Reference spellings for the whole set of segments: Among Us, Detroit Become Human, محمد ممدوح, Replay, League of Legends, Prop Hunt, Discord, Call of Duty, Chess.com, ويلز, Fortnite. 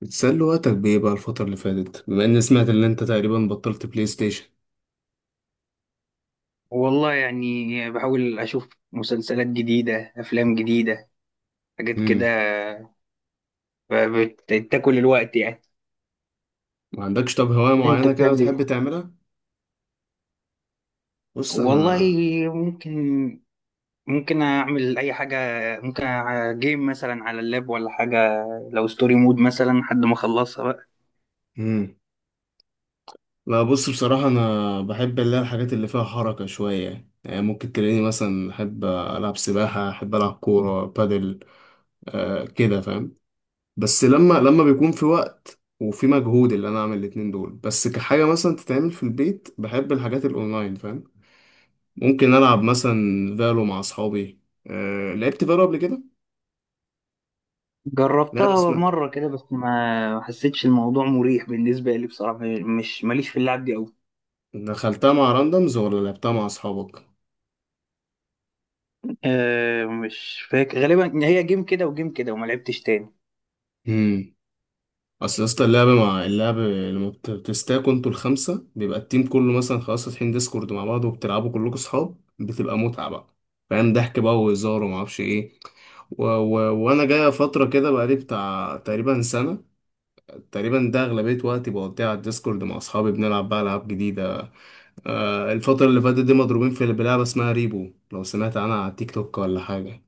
بتسلي وقتك بإيه بقى الفترة اللي فاتت بما إني سمعت إن أنت تقريبا بطلت بلاي ستيشن؟ والله يعني بحاول أشوف مسلسلات جديدة أفلام جديدة حاجات مم. كده. بتاكل الوقت يعني. ما عندكش طب هواية أنت معينة كده بتعمل بتحب إيه؟ تعملها؟ بص والله أنا. ممكن. أعمل أي حاجة. ممكن جيم مثلا على اللاب ولا حاجة، لو ستوري مود مثلا لحد ما أخلصها بقى. مم. لا، بص، بصراحة أنا بحب اللي هي الحاجات اللي فيها حركة شوية، يعني ممكن تلاقيني مثلا أحب ألعب سباحة، أحب ألعب كورة بادل. آه كده فاهم. بس لما بيكون في وقت وفي مجهود اللي أنا أعمل الاتنين دول، بس كحاجة مثلا تتعمل في البيت، بحب الحاجات الأونلاين فاهم. ممكن ألعب مثلا فالو مع أصحابي. أه لعبت فالو قبل كده؟ لا بس جربتها ما مرة كده بس ما حسيتش الموضوع مريح بالنسبة لي بصراحة، مش ماليش في اللعب دي أوي. دخلتها مع راندمز ولا لعبتها مع أصحابك؟ أه مش فاكر، غالبا هي جيم كده وجيم كده وما لعبتش تاني. امم أصل يا اسطى اللعب مع اللعب لما بتستاكوا انتوا الخمسة، بيبقى التيم كله مثلا خلاص فاتحين ديسكورد مع بعض وبتلعبوا كلكم أصحاب، بتبقى متعة بقى فاهم، ضحك بقى وهزار ومعرفش ايه. وانا جاية فترة كده بقالي بتاع تقريبا سنة، تقريبا ده أغلبية وقتي بقضيها على الديسكورد مع أصحابي بنلعب بقى ألعاب جديدة. الفترة اللي فاتت دي مضروبين في بلعبة اسمها ريبو، لو سمعت عنها على التيك توك ولا حاجة.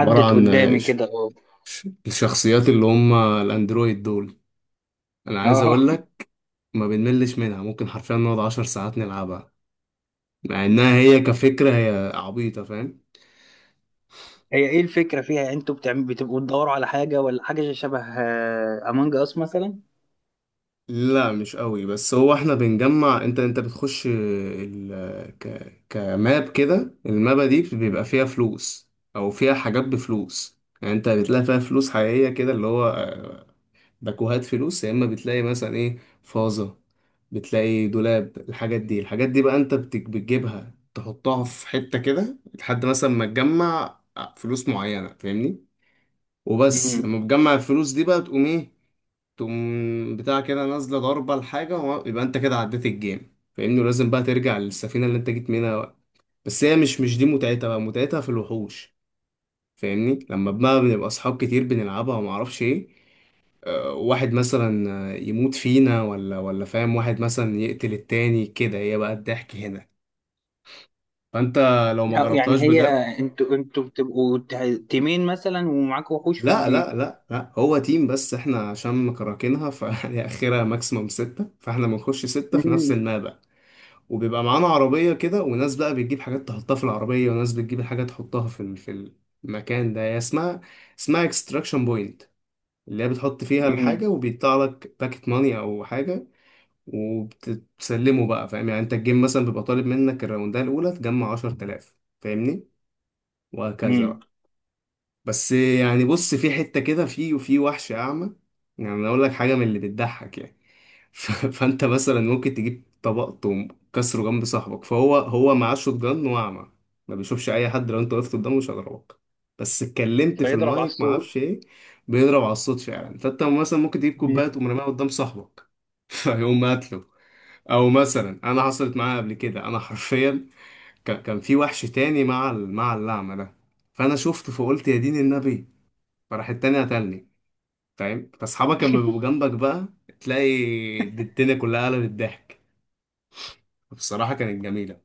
عبارة عن قدامي كده، اه. الشخصيات اللي هم الأندرويد دول، أنا عايز اه، أقول لك، ما بنملش منها، ممكن حرفيا نقعد 10 ساعات نلعبها، مع إنها هي كفكرة هي عبيطة فاهم. هي ايه الفكرة فيها؟ يعني انتوا بتعمل بتبقوا تدوروا على حاجة ولا حاجة شبه امونج اس مثلا؟ لا مش قوي، بس هو احنا بنجمع، انت بتخش كماب كده، المابة دي بيبقى فيها فلوس، او فيها حاجات بفلوس، يعني انت بتلاقي فيها فلوس حقيقية كده، اللي هو باكوهات فلوس، يا اما بتلاقي مثلا ايه، فازة، بتلاقي دولاب، الحاجات دي الحاجات دي بقى انت بتجيبها تحطها في حتة كده، لحد مثلا ما تجمع فلوس معينة فاهمني. وبس مم. لما بتجمع الفلوس دي بقى تقوم ايه، تقوم بتاع كده نازلة ضربة لحاجة يبقى انت كده عديت الجيم فاهمني، ولازم بقى ترجع للسفينة اللي انت جيت منها بقى. بس هي مش دي متعتها بقى، متعتها في الوحوش فاهمني. لما بقى بنبقى اصحاب كتير بنلعبها وما اعرفش ايه، واحد مثلا يموت فينا ولا فاهم، واحد مثلا يقتل التاني كده، هي بقى الضحك هنا. فانت لو ما أو يعني جربتهاش هي بجد. انتوا تيمين مثلا ومعاكوا وحوش في لا الجيم؟ لا لا لا، هو تيم بس احنا عشان مكركينها فهي اخرها ماكسيموم ستة، فاحنا بنخش ستة في نفس مم. المابا، وبيبقى معانا عربية كده وناس بقى بتجيب حاجات تحطها في العربية وناس بتجيب حاجات تحطها في في المكان ده، هي اسمها اكستراكشن بوينت، اللي هي بتحط فيها مم. الحاجة وبيطلع لك باكت ماني او حاجة، وبتسلمه بقى فاهم. يعني انت الجيم مثلا بيبقى طالب منك الراوندة الأولى تجمع 10,000 فاهمني، وهكذا مم. بقى. بس يعني بص، في حتة كده وفي وحش أعمى، يعني أنا أقول لك حاجة من اللي بتضحك يعني. فأنت مثلا ممكن تجيب طبق تقوم كسره جنب صاحبك، فهو هو معاه شوت جان وأعمى، ما بيشوفش أي حد، لو أنت وقفت قدامه مش هيضربك، بس اتكلمت في فيضرب على المايك ما الصوت. اعرفش ايه، بيضرب على الصوت فعلا. فانت مثلا ممكن تجيب كوبايه تقوم راميها قدام صاحبك. فيقوم قاتله. او مثلا انا حصلت معايا قبل كده، انا حرفيا، كان في وحش تاني مع مع اللعمه ده، فانا شفته فقلت يا دين النبي، فراح التاني قتلني فاهم. فاصحابك لما بيبقوا جنبك بقى تلاقي الدنيا كلها قلبت ضحك، بصراحه كانت جميله.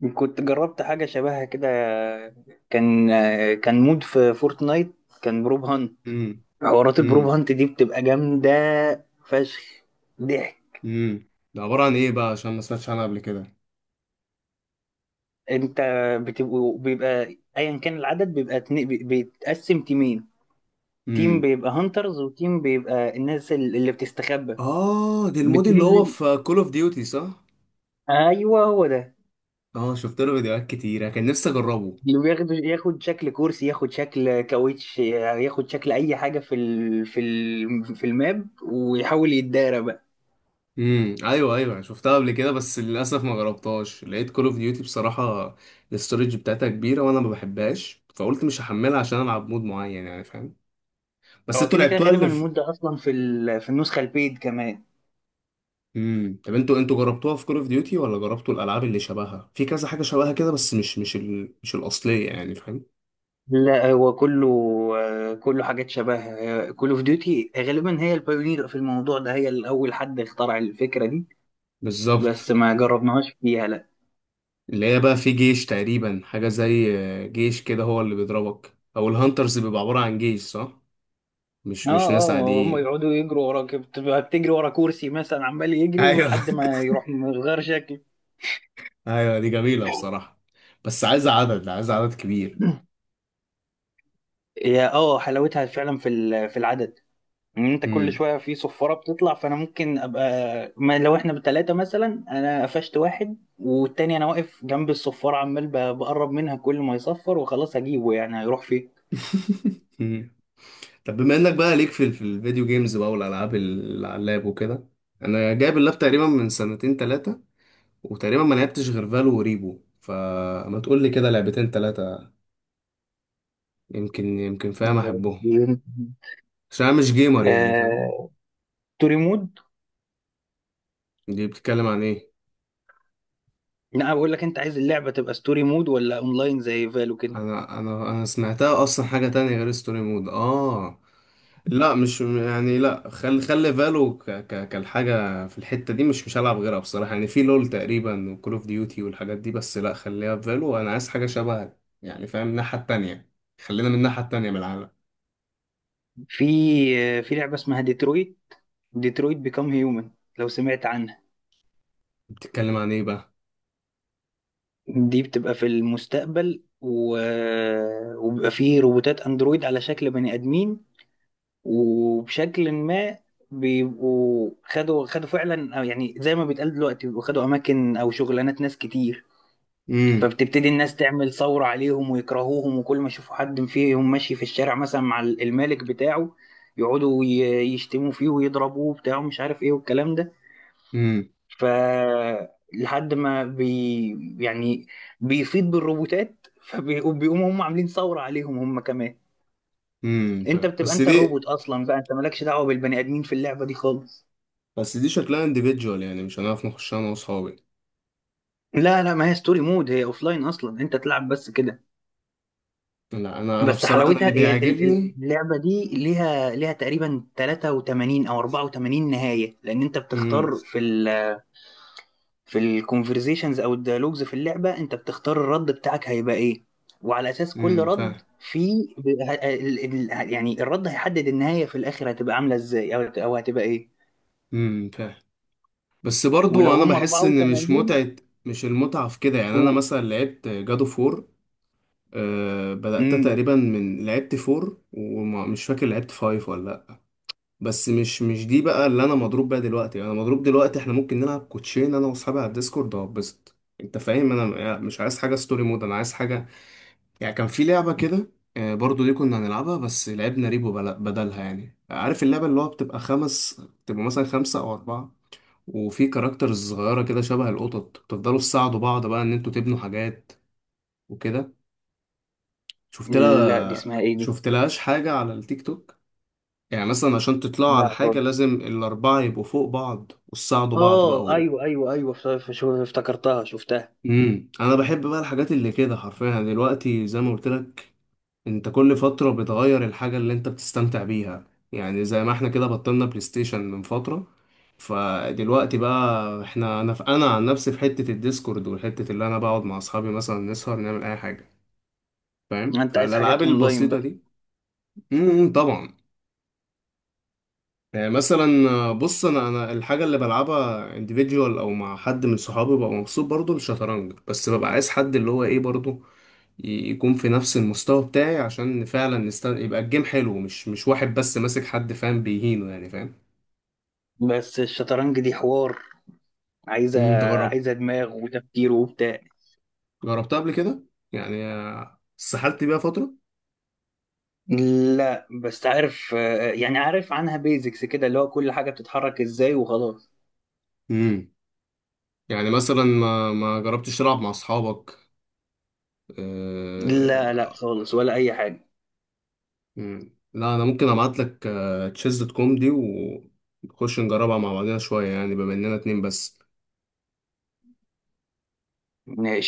مم. كنت جربت حاجة شبهها كده، كان آه، كان مود في فورتنايت، كان بروب هانت. امم. حوارات البروب امم. هانت دي بتبقى جامدة فشخ ضحك. امم. ده عباره عن ايه بقى عشان ما سمعتش عنها قبل كده؟ انت بتبقوا، بيبقى ايا كان العدد، بيبقى بيتقسم تيمين: تيم امم. بيبقى هانترز، وتيم بيبقى اللي بتستخبى. اه، دي المود اللي هو بتنزل. في كول اوف ديوتي صح؟ ايوه هو ده. اه شفت له فيديوهات كتيره، كان نفسي اجربه. اللي بياخد، ياخد شكل كرسي، ياخد شكل كاوتش، ياخد شكل اي حاجه في الماب، ويحاول يتدارى بقى. امم، ايوه ايوه، يعني شفتها قبل كده بس للاسف ما جربتهاش، لقيت كول اوف ديوتي بصراحه الاستورج بتاعتها كبيره وانا ما بحبهاش فقلت مش هحملها عشان العب مود معين يعني فاهم. بس هو انتوا كده كده لعبتوها غالبا اللي في. المود ده اصلا في النسخه البيد كمان. امم. طب انتوا جربتوها في كول اوف ديوتي ولا جربتوا الالعاب اللي شبهها في كذا حاجه شبهها كده، بس مش الاصليه يعني فاهم. لا، هو كله آه، كله حاجات شبه كول اوف ديوتي. غالبا هي البايونير في الموضوع ده، هي الأول حد اخترع الفكرة دي. بس بالظبط. ما جربناهاش فيها لا. اللي هي بقى في جيش تقريبا، حاجه زي جيش كده، هو اللي بيضربك او الهانترز بيبقى عباره عن جيش صح؟ اه مش ناس اه، هم عاديين. يقعدوا يجروا وراك، بتبقى بتجري ورا كرسي مثلا عمال يجري، ايوه ولحد ما يروح مغير شكل. ايوه دي جميلة بصراحة، بس عايزة عدد، عايزة عدد كبير. هي اه، حلاوتها فعلا في العدد. ان انت كل امم. شويه في صفاره بتطلع، فانا ممكن ابقى، ما لو احنا بتلاتة مثلا، انا قفشت واحد والتاني انا واقف جنب الصفاره عمال بقرب منها، كل ما يصفر وخلاص هجيبه، يعني هيروح فين؟ امم. طب بما انك بقى ليك في الفيديو جيمز بقى والالعاب اللي على اللاب وكده، انا جايب اللاب تقريبا من سنتين ثلاثة، وتقريبا ما لعبتش غير فالو وريبو، فما تقول لي كده لعبتين ثلاثة، يمكن يمكن فاهم احبهم عشان انا مش جيمر يعني فاهم. آه... ستوري مود. دي بتتكلم عن ايه؟ لا بقول لك، انت عايز اللعبه تبقى ستوري مود ولا اونلاين زي فالو كده؟ انا سمعتها اصلا حاجة تانية غير ستوري مود اه. لا مش يعني، لا خلي فالو ك ك كالحاجة في الحتة دي، مش هلعب غيرها بصراحة، يعني في لول تقريبا وكول اوف ديوتي والحاجات دي، بس لا خليها في فالو، انا عايز حاجة شبهها يعني فاهم، الناحية التانية، خلينا من الناحية التانية من العالم. في آه، في لعبه اسمها ديترويت، ديترويت بيكام هيومن، لو سمعت عنها. بتتكلم عن ايه بقى؟ دي بتبقى في المستقبل و... وبيبقى فيه روبوتات اندرويد على شكل بني ادمين، وبشكل ما بيبقوا خدوا فعلا، أو يعني زي ما بيتقال دلوقتي، بيبقوا خدوا اماكن او شغلانات ناس كتير. امم. فبتبتدي الناس تعمل ثورة عليهم ويكرهوهم، وكل ما يشوفوا حد فيهم ماشي في الشارع مثلا مع المالك بتاعه يقعدوا يشتموا فيه ويضربوه بتاعه مش عارف ايه والكلام ده. امم. ف لحد ما بي يعني بيفيض بالروبوتات، فبيقوموا هم عاملين ثورة عليهم هم كمان. امم، انت طيب بتبقى انت الروبوت اصلا بقى، انت مالكش دعوة بالبني ادمين في اللعبة دي خالص. بس دي شكلها انديفيدجوال يعني مش هنعرف نخشها انا واصحابي. لا لا، ما هي ستوري مود، هي اوف لاين اصلا، انت تلعب بس كده. لا انا بس بصراحة انا اللي حلاوتها هي بيعجبني. اللعبه دي ليها تقريبا 83 او 84 نهايه، لان انت امم. بتختار في الكونفرزيشنز او الديالوجز في اللعبه، انت بتختار الرد بتاعك هيبقى ايه، وعلى اساس كل رد فاهم. في يعني الرد هيحدد النهايه في الاخر هتبقى عامله ازاي او او هتبقى ايه. فاهم. بس ولو برضو انا هم بحس ان مش 84، متعة، مش المتعة في كده يعني، انا قول. مثلا لعبت جادو فور، أه بدأت امم، تقريبا من لعبت فور ومش فاكر لعبت فايف ولا لا، بس مش دي بقى اللي انا مضروب بيها دلوقتي، يعني انا مضروب دلوقتي احنا ممكن نلعب كوتشين انا واصحابي على الديسكورد وهبسط، انت فاهم، انا يعني مش عايز حاجة ستوري مود، انا عايز حاجة يعني كان في لعبة كده، أه برضو دي كنا هنلعبها بس لعبنا ريبو بدلها، يعني عارف اللعبة اللي هو بتبقى خمس بتبقى مثلا خمسة او اربعة، وفي كاركترز صغيرة كده شبه القطط بتفضلوا تساعدوا بعض بقى إن انتوا تبنوا حاجات وكده، لا دي اسمها ايه دي؟ شفت لهاش حاجة على التيك توك؟ يعني مثلا عشان تطلعوا لا، على حاجة لازم الأربعة يبقوا فوق بعض وتساعدوا بعض بقى. اه ايوه ايوه ايوه، افتكرتها شفتها. مم. أنا بحب بقى الحاجات اللي كده حرفيا دلوقتي زي ما قلت لك، انت كل فترة بتغير الحاجة اللي انت بتستمتع بيها يعني، زي ما احنا كده بطلنا بلاي ستيشن من فترة، فدلوقتي بقى احنا انا في انا عن نفسي في حتة الديسكورد، والحتة اللي انا بقعد مع اصحابي مثلا نسهر نعمل اي حاجة، فاهم، انت عايز فالالعاب حاجات اونلاين البسيطة بقى؟ دي. طبعا. يعني مثلا بص، انا الحاجه اللي بلعبها individual او مع حد من صحابي، ببقى مبسوط برضو الشطرنج، بس ببقى عايز حد اللي هو ايه برضو، يكون في نفس المستوى بتاعي عشان فعلا يبقى الجيم حلو، مش واحد بس ماسك حد فاهم بيهينه، يعني فاهم. بس الشطرنج دي حوار، عايزه. تجرب. عايزه دماغ وتفكير وبتاع. جربتها قبل كده، يعني سحلت بيها فتره. لا بس عارف آه، يعني عارف عنها بيزكس كده، اللي هو كل حاجه بتتحرك ازاي وخلاص. امم. يعني مثلا ما جربتش تلعب مع اصحابك. لا لا آه، خالص ولا اي حاجه. مم. لا انا ممكن ابعت لك Chess.com دي، ونخش نجربها مع بعضنا شويه يعني بما اننا اتنين بس